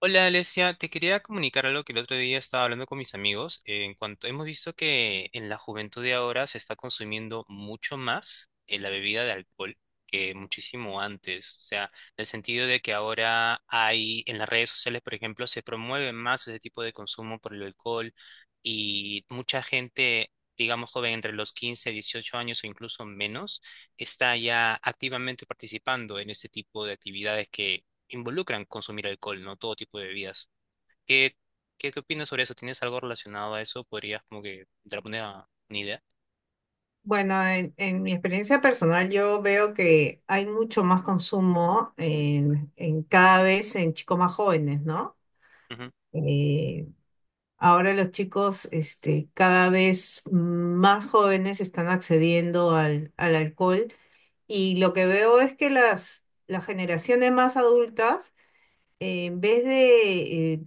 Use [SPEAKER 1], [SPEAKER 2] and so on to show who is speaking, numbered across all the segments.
[SPEAKER 1] Hola Alesia, te quería comunicar algo que el otro día estaba hablando con mis amigos. En cuanto hemos visto que en la juventud de ahora se está consumiendo mucho más la bebida de alcohol que muchísimo antes. O sea, en el sentido de que ahora hay en las redes sociales, por ejemplo, se promueve más ese tipo de consumo por el alcohol y mucha gente, digamos joven entre los 15, 18 años o incluso menos, está ya activamente participando en este tipo de actividades que involucran consumir alcohol, ¿no? Todo tipo de bebidas. ¿Qué, qué opinas sobre eso? ¿Tienes algo relacionado a eso? ¿Podrías como que dar una idea?
[SPEAKER 2] Bueno, en mi experiencia personal yo veo que hay mucho más consumo en cada vez en chicos más jóvenes, ¿no?
[SPEAKER 1] Ujú.
[SPEAKER 2] Eh, Ahora los chicos cada vez más jóvenes están accediendo al alcohol y lo que veo es que las generaciones más adultas, en vez de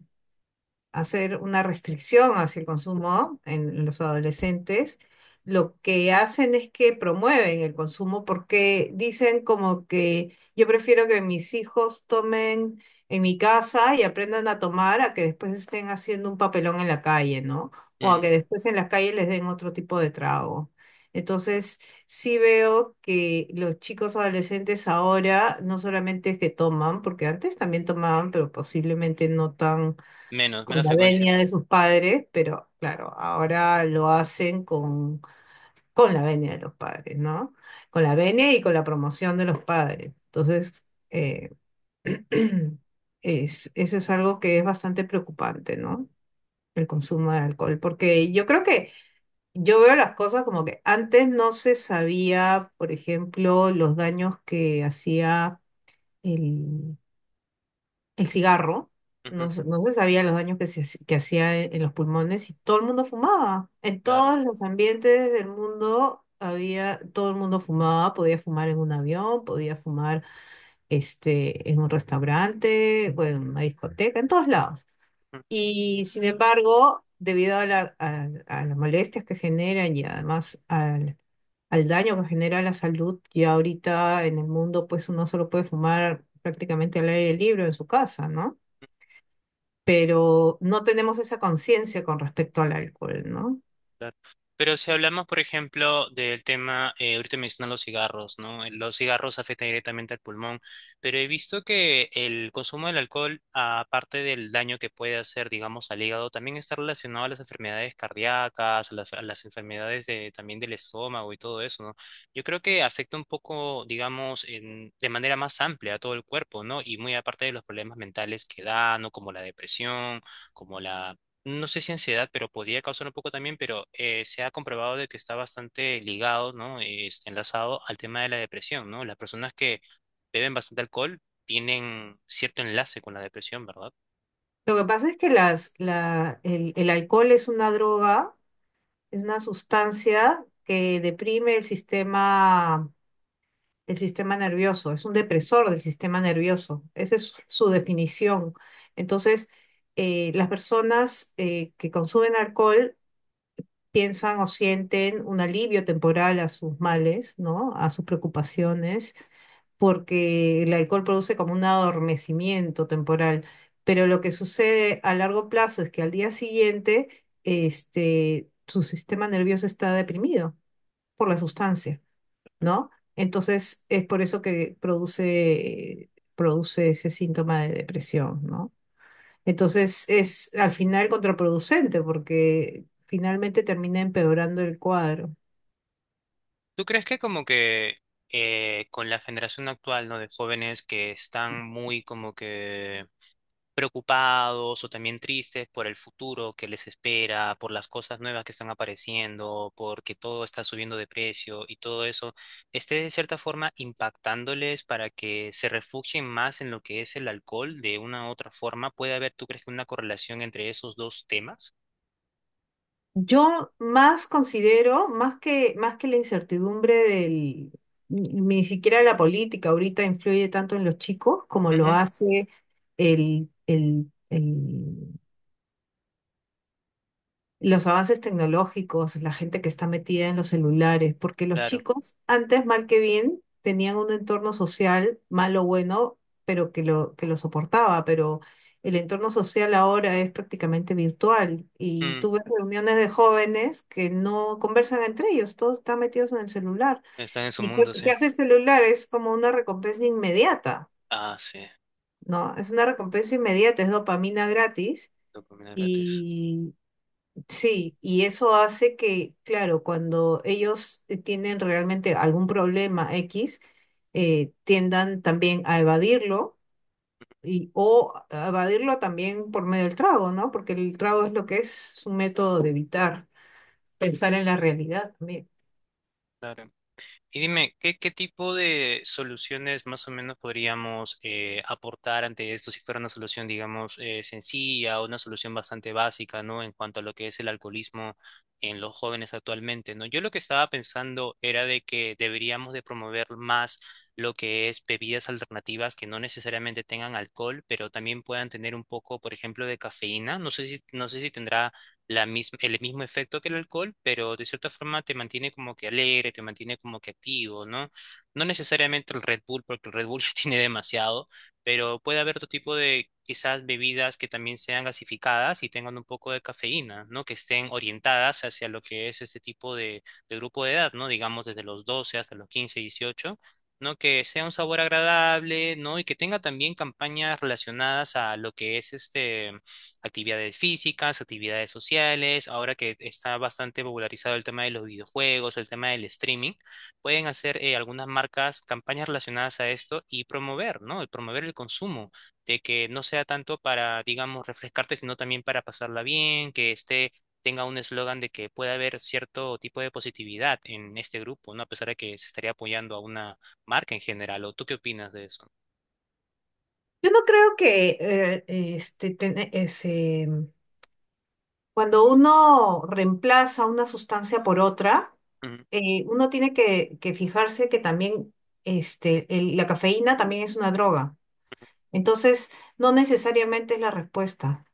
[SPEAKER 2] hacer una restricción hacia el consumo en los adolescentes, lo que hacen es que promueven el consumo porque dicen como que yo prefiero que mis hijos tomen en mi casa y aprendan a tomar a que después estén haciendo un papelón en la calle, ¿no? O a
[SPEAKER 1] Mm,
[SPEAKER 2] que después en la calle les den otro tipo de trago. Entonces, sí veo que los chicos adolescentes ahora no solamente es que toman, porque antes también tomaban, pero posiblemente no tan
[SPEAKER 1] menos,
[SPEAKER 2] con
[SPEAKER 1] menos
[SPEAKER 2] la
[SPEAKER 1] frecuencia.
[SPEAKER 2] venia de sus padres, pero claro, ahora lo hacen con la venia de los padres, ¿no? Con la venia y con la promoción de los padres. Entonces, eso es algo que es bastante preocupante, ¿no? El consumo de alcohol, porque yo creo que yo veo las cosas como que antes no se sabía, por ejemplo, los daños que hacía el el cigarro,
[SPEAKER 1] Ujú,
[SPEAKER 2] no, no se sabía los daños que, que hacía en los pulmones y todo el mundo fumaba. En
[SPEAKER 1] claro.
[SPEAKER 2] todos los ambientes del mundo había, todo el mundo fumaba, podía fumar en un avión, podía fumar en un restaurante, bueno, en una discoteca, en todos lados. Y sin embargo, debido a, a las molestias que generan y además al daño que genera a la salud, ya ahorita en el mundo pues uno solo puede fumar prácticamente al aire libre en su casa, ¿no? Pero no tenemos esa conciencia con respecto al alcohol, ¿no?
[SPEAKER 1] Claro. Pero si hablamos, por ejemplo, del tema, ahorita mencionan los cigarros, ¿no? Los cigarros afectan directamente al pulmón, pero he visto que el consumo del alcohol, aparte del daño que puede hacer, digamos, al hígado, también está relacionado a las enfermedades cardíacas, a las enfermedades de, también del estómago y todo eso, ¿no? Yo creo que afecta un poco, digamos, de manera más amplia a todo el cuerpo, ¿no? Y muy aparte de los problemas mentales que dan, ¿no? Como la depresión, como la no sé si ansiedad, pero podría causar un poco también, pero se ha comprobado de que está bastante ligado, ¿no? Enlazado al tema de la depresión, ¿no? Las personas que beben bastante alcohol tienen cierto enlace con la depresión, ¿verdad?
[SPEAKER 2] Lo que pasa es que el alcohol es una droga, es una sustancia que deprime el sistema nervioso, es un depresor del sistema nervioso, esa es su definición. Entonces, las personas que consumen alcohol piensan o sienten un alivio temporal a sus males, ¿no? A sus preocupaciones porque el alcohol produce como un adormecimiento temporal, pero lo que sucede a largo plazo es que al día siguiente, su sistema nervioso está deprimido por la sustancia, ¿no? Entonces es por eso que produce ese síntoma de depresión, ¿no? Entonces es al final contraproducente porque finalmente termina empeorando el cuadro.
[SPEAKER 1] ¿Tú crees que como que con la generación actual, ¿no? De jóvenes que están muy como que preocupados o también tristes por el futuro que les espera, por las cosas nuevas que están apareciendo, porque todo está subiendo de precio y todo eso, esté de cierta forma impactándoles para que se refugien más en lo que es el alcohol de una u otra forma. ¿Tú crees que una correlación entre esos dos temas?
[SPEAKER 2] Yo más considero, más que la incertidumbre del, ni siquiera la política ahorita influye tanto en los chicos como lo
[SPEAKER 1] Ujú,
[SPEAKER 2] hace el los avances tecnológicos, la gente que está metida en los celulares, porque los
[SPEAKER 1] Claro.
[SPEAKER 2] chicos antes, mal que bien, tenían un entorno social, malo o bueno, pero que lo soportaba, pero el entorno social ahora es prácticamente virtual y
[SPEAKER 1] Mm,
[SPEAKER 2] tú ves reuniones de jóvenes que no conversan entre ellos, todos están metidos en el celular.
[SPEAKER 1] están en su
[SPEAKER 2] ¿Y
[SPEAKER 1] mundo,
[SPEAKER 2] qué
[SPEAKER 1] sí.
[SPEAKER 2] hace el celular? Es como una recompensa inmediata,
[SPEAKER 1] Ah, sí.
[SPEAKER 2] ¿no? Es una recompensa inmediata, es dopamina gratis.
[SPEAKER 1] Dopamina gratis.
[SPEAKER 2] y Sí, y eso hace que, claro, cuando ellos tienen realmente algún problema X, tiendan también a evadirlo y, o a evadirlo también por medio del trago, ¿no? Porque el trago es lo que es un método de evitar pensar en la realidad también.
[SPEAKER 1] Claro. Y dime, ¿qué tipo de soluciones más o menos podríamos aportar ante esto si fuera una solución, digamos, sencilla o una solución bastante básica, ¿no? En cuanto a lo que es el alcoholismo en los jóvenes actualmente, ¿no? Yo lo que estaba pensando era de que deberíamos de promover más lo que es bebidas alternativas que no necesariamente tengan alcohol, pero también puedan tener un poco, por ejemplo, de cafeína. No sé si tendrá el mismo efecto que el alcohol, pero de cierta forma te mantiene como que alegre, te mantiene como que activo, ¿no? No necesariamente el Red Bull, porque el Red Bull ya tiene demasiado, pero puede haber otro tipo de quizás bebidas que también sean gasificadas y tengan un poco de cafeína, ¿no? Que estén orientadas hacia lo que es este tipo de, grupo de edad, ¿no? Digamos desde los 12 hasta los 15 18 ¿no? Que sea un sabor agradable, ¿no? Y que tenga también campañas relacionadas a lo que es este, actividades físicas, actividades sociales, ahora que está bastante popularizado el tema de los videojuegos, el tema del streaming, pueden hacer algunas marcas campañas relacionadas a esto y promover, ¿no? El promover el consumo, de que no sea tanto para, digamos, refrescarte, sino también para pasarla bien, que este tenga un eslogan de que pueda haber cierto tipo de positividad en este grupo, ¿no? A pesar de que se estaría apoyando a una marca en general. ¿O tú qué opinas de eso?
[SPEAKER 2] Yo no creo que cuando uno reemplaza una sustancia por otra,
[SPEAKER 1] Mm,
[SPEAKER 2] uno tiene que fijarse que también la cafeína también es una droga. Entonces, no necesariamente es la respuesta,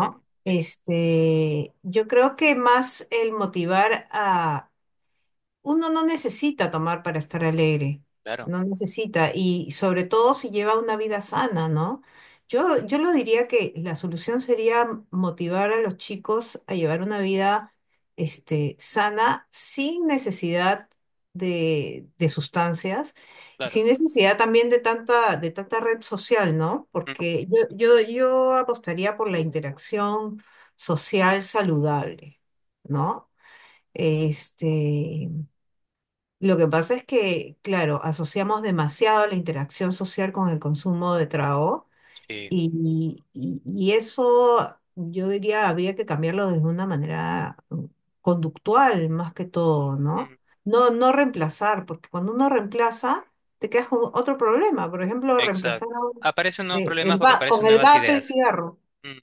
[SPEAKER 1] mm, mm,
[SPEAKER 2] Este, yo creo que más el motivar a, uno no necesita tomar para estar alegre,
[SPEAKER 1] Claro,
[SPEAKER 2] no necesita, y sobre todo si lleva una vida sana, ¿no? Yo lo diría que la solución sería motivar a los chicos a llevar una vida sana sin necesidad de sustancias y
[SPEAKER 1] claro.
[SPEAKER 2] sin necesidad también de tanta red social, ¿no?
[SPEAKER 1] Mm,
[SPEAKER 2] Porque yo apostaría por la interacción social saludable, ¿no? Este, lo que pasa es que, claro, asociamos demasiado la interacción social con el consumo de trago
[SPEAKER 1] Sí.
[SPEAKER 2] y eso yo diría habría que cambiarlo desde una manera conductual más que todo, ¿no? No reemplazar, porque cuando uno reemplaza te quedas con otro problema. Por ejemplo, reemplazar
[SPEAKER 1] Exacto.
[SPEAKER 2] a un-
[SPEAKER 1] Aparecen nuevos problemas
[SPEAKER 2] el
[SPEAKER 1] porque
[SPEAKER 2] va- con
[SPEAKER 1] aparecen
[SPEAKER 2] el
[SPEAKER 1] nuevas
[SPEAKER 2] vape el
[SPEAKER 1] ideas.
[SPEAKER 2] cigarro.
[SPEAKER 1] Mm.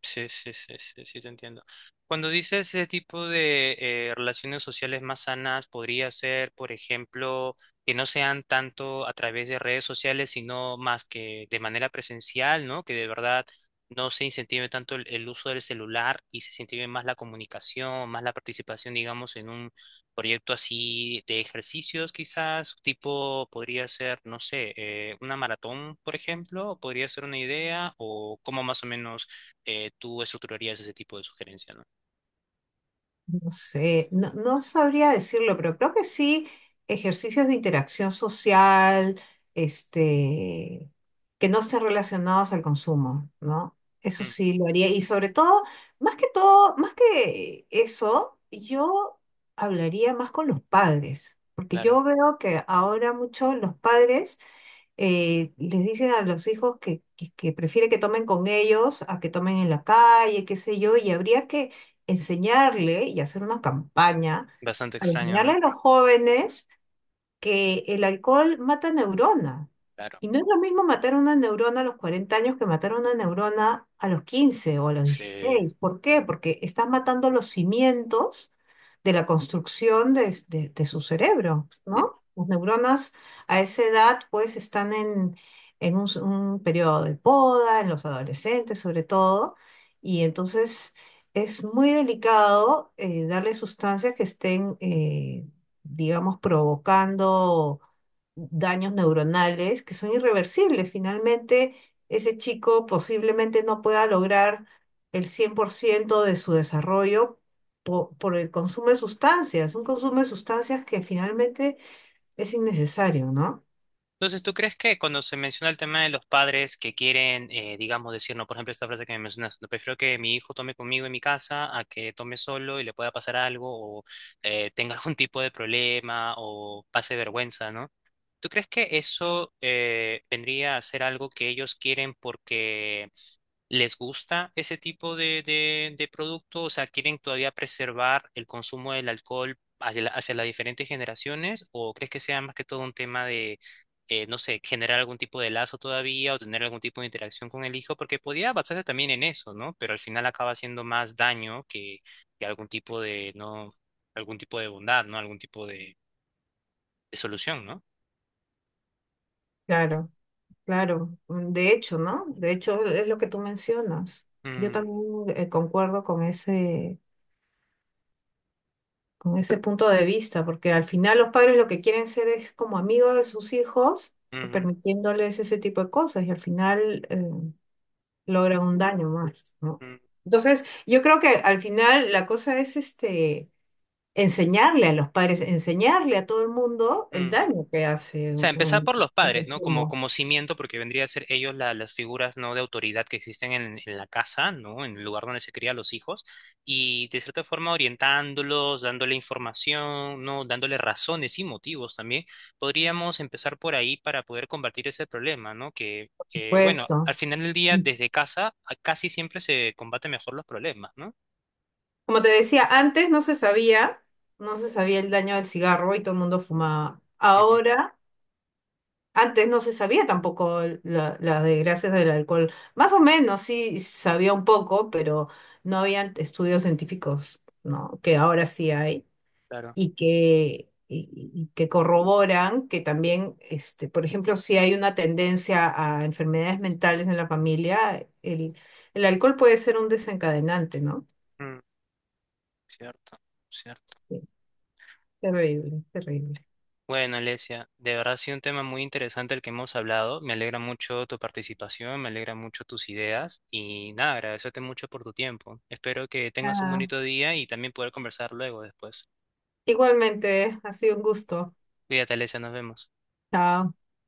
[SPEAKER 1] Sí, sí, sí, sí, sí, te entiendo. Cuando dices ese tipo de relaciones sociales más sanas, podría ser, por ejemplo, que no sean tanto a través de redes sociales, sino más que de manera presencial, ¿no? Que de verdad no se incentive tanto el uso del celular y se incentive más la comunicación, más la participación, digamos, en un proyecto así de ejercicios, quizás, tipo, podría ser, no sé, una maratón, por ejemplo, podría ser una idea, o cómo más o menos tú estructurarías ese tipo de sugerencia, ¿no?
[SPEAKER 2] No sé, no sabría decirlo, pero creo que sí, ejercicios de interacción social, este, que no estén relacionados al consumo, ¿no? Eso
[SPEAKER 1] Mm,
[SPEAKER 2] sí lo haría. Y sobre todo, más que eso, yo hablaría más con los padres, porque
[SPEAKER 1] claro,
[SPEAKER 2] yo veo que ahora muchos los padres les dicen a los hijos que prefiere que tomen con ellos a que tomen en la calle, qué sé yo, y habría que enseñarle y hacer una campaña
[SPEAKER 1] bastante
[SPEAKER 2] para
[SPEAKER 1] extraño,
[SPEAKER 2] enseñarle
[SPEAKER 1] ¿no?
[SPEAKER 2] a los jóvenes que el alcohol mata neurona.
[SPEAKER 1] Claro.
[SPEAKER 2] Y no es lo mismo matar una neurona a los 40 años que matar una neurona a los 15 o a los
[SPEAKER 1] Sí.
[SPEAKER 2] 16. ¿Por qué? Porque estás matando los cimientos de la construcción de su cerebro,
[SPEAKER 1] Mm.
[SPEAKER 2] ¿no? Las neuronas a esa edad pues están en, un periodo de poda, en los adolescentes sobre todo, y entonces es muy delicado darle sustancias que estén digamos, provocando daños neuronales que son irreversibles. Finalmente, ese chico posiblemente no pueda lograr el 100% de su desarrollo por, el consumo de sustancias, un consumo de sustancias que finalmente es innecesario, ¿no?
[SPEAKER 1] Entonces, ¿tú crees que cuando se menciona el tema de los padres que quieren, digamos, decir, no, por ejemplo, esta frase que me mencionas, no prefiero que mi hijo tome conmigo en mi casa a que tome solo y le pueda pasar algo o tenga algún tipo de problema o pase vergüenza, ¿no? ¿Tú crees que eso vendría a ser algo que ellos quieren porque ¿Les gusta ese tipo de, producto? O sea, ¿quieren todavía preservar el consumo del alcohol hacia, hacia las diferentes generaciones? ¿O crees que sea más que todo un tema de, no sé, generar algún tipo de lazo todavía o tener algún tipo de interacción con el hijo? Porque podía basarse también en eso, ¿no? Pero al final acaba haciendo más daño que algún tipo de, ¿no? Algún tipo de bondad, ¿no? Algún tipo de solución, ¿no?
[SPEAKER 2] Claro, claro. De hecho, ¿no? De hecho, es lo que tú mencionas. Yo
[SPEAKER 1] Mm,
[SPEAKER 2] también concuerdo con con ese punto de vista, porque al final los padres lo que quieren ser es como amigos de sus hijos,
[SPEAKER 1] mm,
[SPEAKER 2] permitiéndoles ese tipo de cosas y al final logran un daño más, ¿no?
[SPEAKER 1] mm,
[SPEAKER 2] Entonces, yo creo que al final la cosa es este, enseñarle a los padres, enseñarle a todo el mundo el
[SPEAKER 1] mm.
[SPEAKER 2] daño que hace
[SPEAKER 1] O sea, empezar
[SPEAKER 2] un,
[SPEAKER 1] por los
[SPEAKER 2] el
[SPEAKER 1] padres, ¿no? Como,
[SPEAKER 2] consumo,
[SPEAKER 1] como cimiento, porque vendría a ser ellos las figuras, ¿no? De autoridad que existen en la casa, ¿no? En el lugar donde se crían los hijos. Y de cierta forma orientándolos, dándole información, ¿no? Dándole razones y motivos también. Podríamos empezar por ahí para poder combatir ese problema, ¿no? Que,
[SPEAKER 2] por
[SPEAKER 1] que, bueno,
[SPEAKER 2] supuesto.
[SPEAKER 1] al final del día, desde casa, casi siempre se combaten mejor los problemas, ¿no?
[SPEAKER 2] Como te decía, antes no se sabía, no se sabía el daño del cigarro y todo el mundo fumaba.
[SPEAKER 1] Ujú,
[SPEAKER 2] Ahora antes no se sabía tampoco las desgracias del alcohol. Más o menos sí sabía un poco, pero no habían estudios científicos, ¿no? Que ahora sí hay
[SPEAKER 1] Claro.
[SPEAKER 2] y y que corroboran que también, este, por ejemplo, si hay una tendencia a enfermedades mentales en la familia, el alcohol puede ser un desencadenante, ¿no?
[SPEAKER 1] Mm, cierto, cierto.
[SPEAKER 2] Sí. Terrible, terrible.
[SPEAKER 1] Bueno, Alesia, de verdad ha sido un tema muy interesante el que hemos hablado. Me alegra mucho tu participación, me alegra mucho tus ideas y nada, agradecerte mucho por tu tiempo. Espero que tengas un
[SPEAKER 2] Ah,
[SPEAKER 1] bonito día y también poder conversar luego después.
[SPEAKER 2] igualmente, ha sido un gusto.
[SPEAKER 1] Cuídate, Alesia, nos vemos.
[SPEAKER 2] Chao.